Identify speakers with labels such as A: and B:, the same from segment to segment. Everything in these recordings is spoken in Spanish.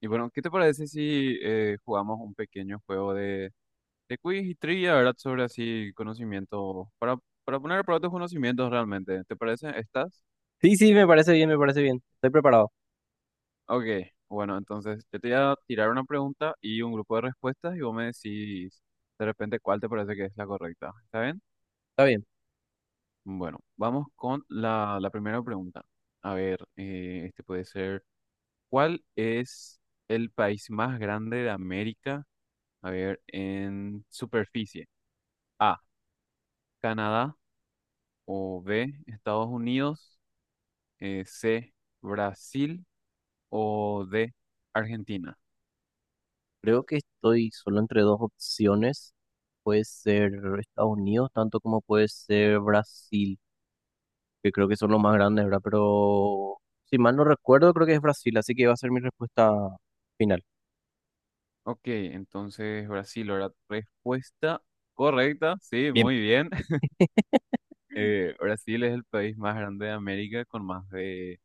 A: Y bueno, ¿qué te parece si jugamos un pequeño juego de quiz y trivia? ¿Verdad? Sobre así conocimiento, para poner a prueba tus conocimientos realmente. ¿Te parece? ¿Estás?
B: Sí, sí, me parece bien, me parece bien. Estoy preparado.
A: Ok, bueno, entonces yo te voy a tirar una pregunta y un grupo de respuestas y vos me decís de repente cuál te parece que es la correcta. ¿Está bien?
B: Está bien.
A: Bueno, vamos con la primera pregunta. A ver, este puede ser, ¿cuál es el país más grande de América? A ver, en superficie. A, Canadá, o B, Estados Unidos, C, Brasil, o D, Argentina.
B: Creo que estoy solo entre dos opciones. Puede ser Estados Unidos, tanto como puede ser Brasil, que creo que son los más grandes, ¿verdad? Pero si mal no recuerdo, creo que es Brasil, así que va a ser mi respuesta final.
A: Ok, entonces Brasil, la respuesta correcta, sí,
B: Bien,
A: muy bien. Brasil es el país más grande de América con más de,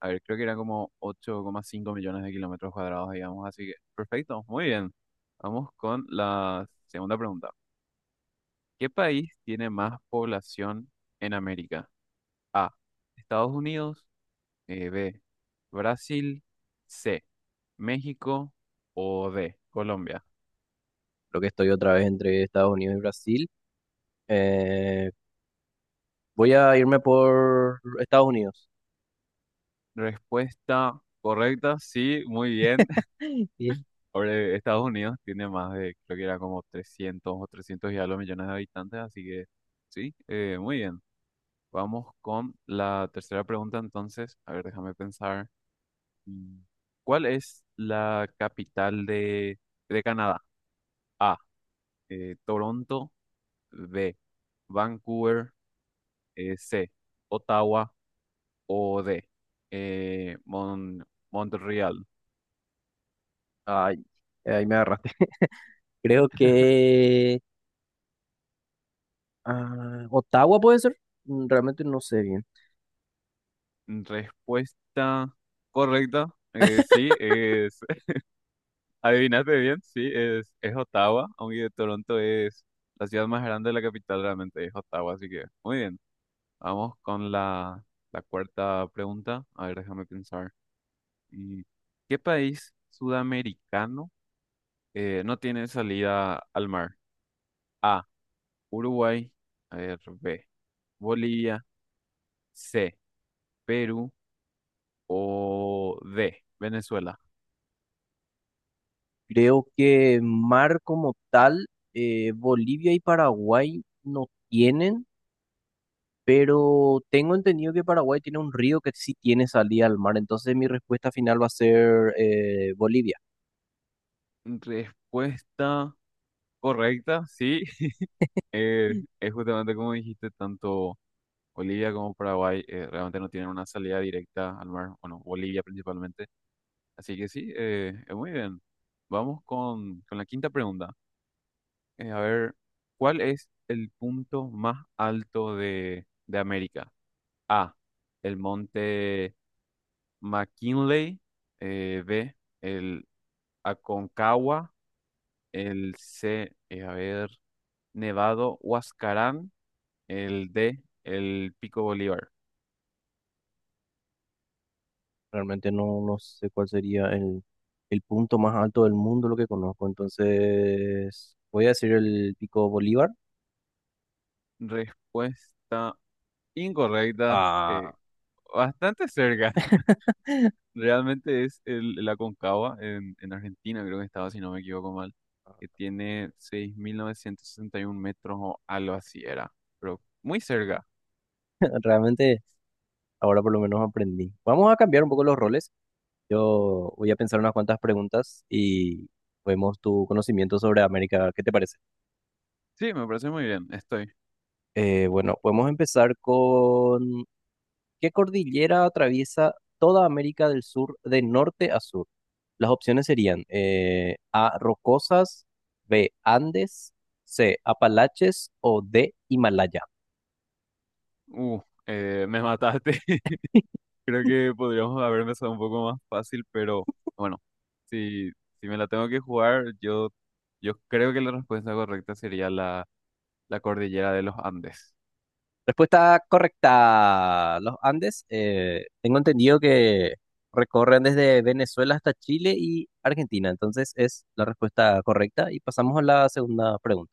A: a ver, creo que eran como 8,5 millones de kilómetros cuadrados, digamos, así que perfecto, muy bien. Vamos con la segunda pregunta. ¿Qué país tiene más población en América? A, Estados Unidos. B, Brasil, C, México, o D, Colombia.
B: creo que estoy otra vez entre Estados Unidos y Brasil. Eh, Voy a irme por Estados Unidos.
A: Respuesta correcta, sí, muy bien.
B: Bien.
A: Ahora, Estados Unidos tiene más de, creo que era como 300 o 300 y algo millones de habitantes, así que sí, muy bien. Vamos con la tercera pregunta entonces. A ver, déjame pensar. Mm, ¿Cuál es la capital de Canadá? A, Toronto, B, Vancouver, C, Ottawa, o D, eh, Mon- Montreal.
B: Ay, ahí me agarraste. Creo que Ottawa puede ser. Mm. Realmente no sé bien.
A: Respuesta correcta, sí, adivinaste bien, sí, es Ottawa, aunque Toronto es la ciudad más grande de la capital, realmente es Ottawa, así que muy bien. Vamos con la cuarta pregunta, a ver, déjame pensar. Mm, ¿Qué país sudamericano no tiene salida al mar? A, Uruguay, a ver, B, Bolivia. C, Perú, o D, Venezuela.
B: Creo que mar como tal, Bolivia y Paraguay no tienen, pero tengo entendido que Paraguay tiene un río que sí tiene salida al mar, entonces mi respuesta final va a ser Bolivia.
A: Respuesta correcta, sí. Es justamente como dijiste, tanto Bolivia como Paraguay realmente no tienen una salida directa al mar, bueno, Bolivia principalmente. Así que sí, muy bien. Vamos con la quinta pregunta. A ver, ¿cuál es el punto más alto de América? A, el monte McKinley. B, el Aconcagua, el C, a ver, Nevado, Huascarán, el D, el Pico Bolívar.
B: Realmente no, no sé cuál sería el punto más alto del mundo, lo que conozco, entonces voy a decir el Pico Bolívar.
A: Respuesta incorrecta, eh,
B: Ah,
A: bastante cerca. Realmente es el Aconcagua en Argentina, creo que estaba, si no me equivoco mal, que tiene 6.961 metros o algo así era, pero muy cerca.
B: realmente ahora por lo menos aprendí. Vamos a cambiar un poco los roles. Yo voy a pensar unas cuantas preguntas y vemos tu conocimiento sobre América. ¿Qué te parece?
A: Sí, me parece muy bien, estoy.
B: Bueno, podemos empezar con ¿qué cordillera atraviesa toda América del Sur de norte a sur? Las opciones serían A, Rocosas, B, Andes, C, Apalaches o D, Himalaya.
A: Uh, me mataste. Creo que podríamos haber empezado un poco más fácil, pero bueno, si, si me la tengo que jugar, yo creo que la respuesta correcta sería la cordillera de los Andes.
B: Respuesta correcta. Los Andes, tengo entendido que recorren desde Venezuela hasta Chile y Argentina. Entonces es la respuesta correcta. Y pasamos a la segunda pregunta.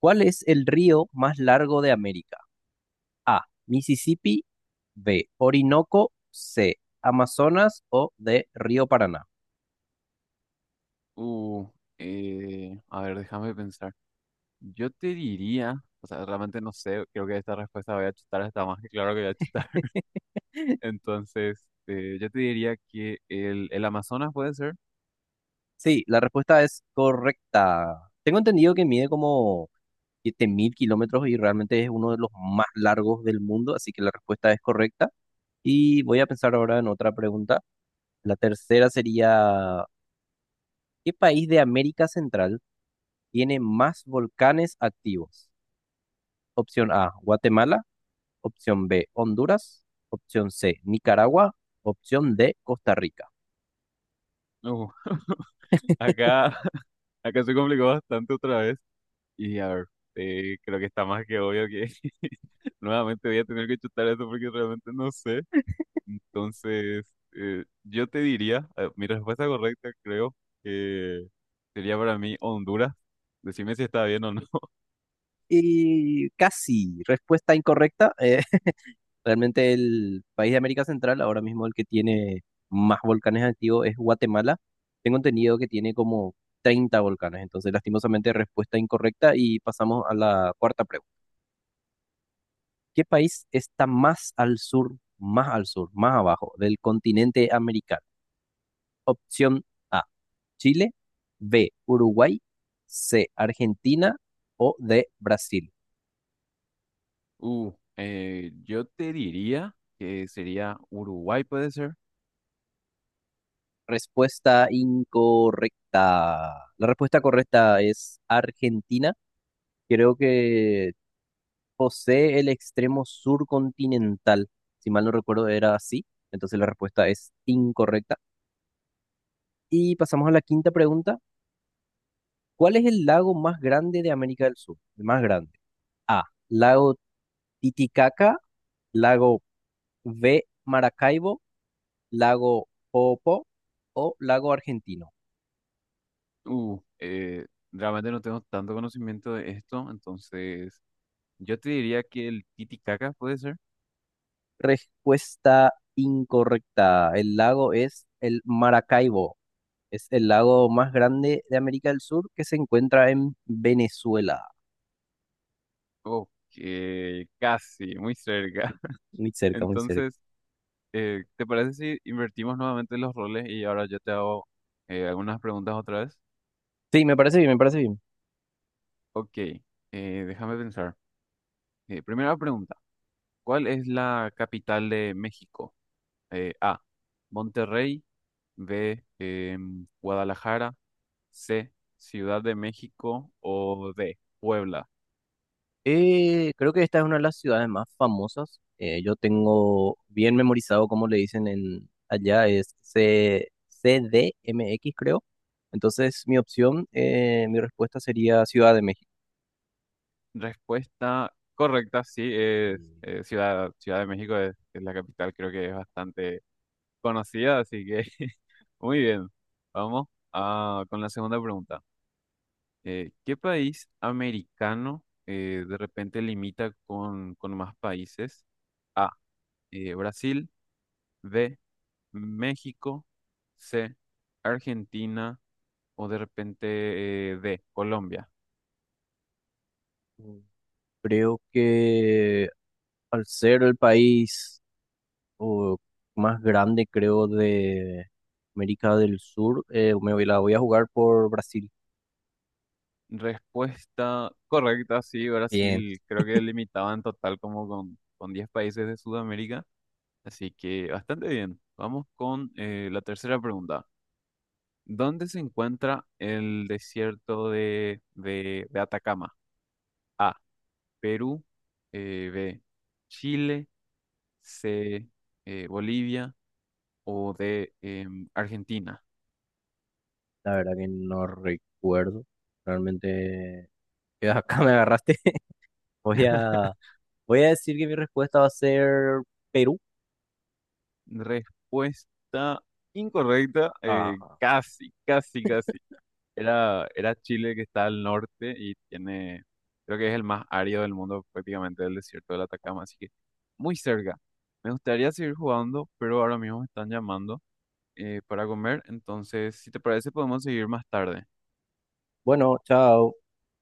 B: ¿Cuál es el río más largo de América? A. Mississippi. B. Orinoco. C. Amazonas o D. Río Paraná.
A: Uh, a ver, déjame pensar. Yo te diría, o sea, realmente no sé, creo que esta respuesta voy a chutar, está más que claro que voy a chutar. Entonces, yo te diría que el Amazonas puede ser.
B: Sí, la respuesta es correcta. Tengo entendido que mide como 7.000 kilómetros y realmente es uno de los más largos del mundo, así que la respuesta es correcta. Y voy a pensar ahora en otra pregunta. La tercera sería, ¿qué país de América Central tiene más volcanes activos? Opción A, Guatemala. Opción B, Honduras. Opción C, Nicaragua. Opción D, Costa Rica.
A: Uh, acá, acá se complicó bastante otra vez. Y a ver, creo que está más que obvio que. Nuevamente voy a tener que chutar eso porque realmente no sé. Entonces, yo te diría, mi respuesta correcta creo que sería para mí Honduras. Decime si está bien o no.
B: Y casi, respuesta incorrecta. Realmente el país de América Central, ahora mismo el que tiene más volcanes activos es Guatemala. Tengo entendido que tiene como 30 volcanes, entonces lastimosamente respuesta incorrecta y pasamos a la cuarta pregunta. ¿Qué país está más al sur, más al sur, más abajo del continente americano? Opción A, Chile, B, Uruguay, C, Argentina o D, Brasil.
A: Yo te diría que sería Uruguay, puede ser.
B: Respuesta incorrecta. La respuesta correcta es Argentina. Creo que posee el extremo sur continental. Si mal no recuerdo, era así. Entonces la respuesta es incorrecta. Y pasamos a la quinta pregunta. ¿Cuál es el lago más grande de América del Sur? El más grande. A. Lago Titicaca. Lago B. Maracaibo. Lago Popo. O lago Argentino.
A: Uh, eh, realmente no tengo tanto conocimiento de esto, entonces yo te diría que el Titicaca puede ser.
B: Respuesta incorrecta. El lago es el Maracaibo. Es el lago más grande de América del Sur que se encuentra en Venezuela.
A: Ok, casi, muy cerca.
B: Muy cerca, muy cerca.
A: Entonces, ¿te parece si invertimos nuevamente los roles y ahora yo te hago algunas preguntas otra vez?
B: Sí, me parece bien, me parece bien.
A: Ok, déjame pensar. Primera pregunta, ¿cuál es la capital de México? A, Monterrey, B, Guadalajara, C, Ciudad de México, o D, Puebla.
B: Creo que esta es una de las ciudades más famosas. Yo tengo bien memorizado cómo le dicen en allá, es CDMX creo. Entonces, mi opción, mi respuesta sería Ciudad de México.
A: Respuesta correcta, sí, es
B: Eh,
A: Ciudad de México es la capital, creo que es bastante conocida, así que muy bien, vamos con la segunda pregunta. ¿Qué país americano de repente limita con más países? A, Brasil, B, México, C, Argentina, o de repente D, Colombia.
B: Creo que al ser el país, o más grande, creo, de América del Sur. La voy a jugar por Brasil.
A: Respuesta correcta, sí,
B: Bien,
A: Brasil creo que limitaba en total como con 10 países de Sudamérica, así que bastante bien. Vamos con la tercera pregunta. ¿Dónde se encuentra el desierto de Atacama? A, Perú. B, Chile. C, Bolivia. O D, Argentina.
B: la verdad que no recuerdo. Realmente, acá me agarraste. Voy a, voy a decir que mi respuesta va a ser Perú.
A: Respuesta incorrecta.
B: Ah,
A: Casi, casi, casi. Era, era Chile que está al norte y tiene, creo que es el más árido del mundo prácticamente el desierto de Atacama. Así que muy cerca. Me gustaría seguir jugando, pero ahora mismo me están llamando para comer. Entonces, si te parece, podemos seguir más tarde.
B: bueno, chao.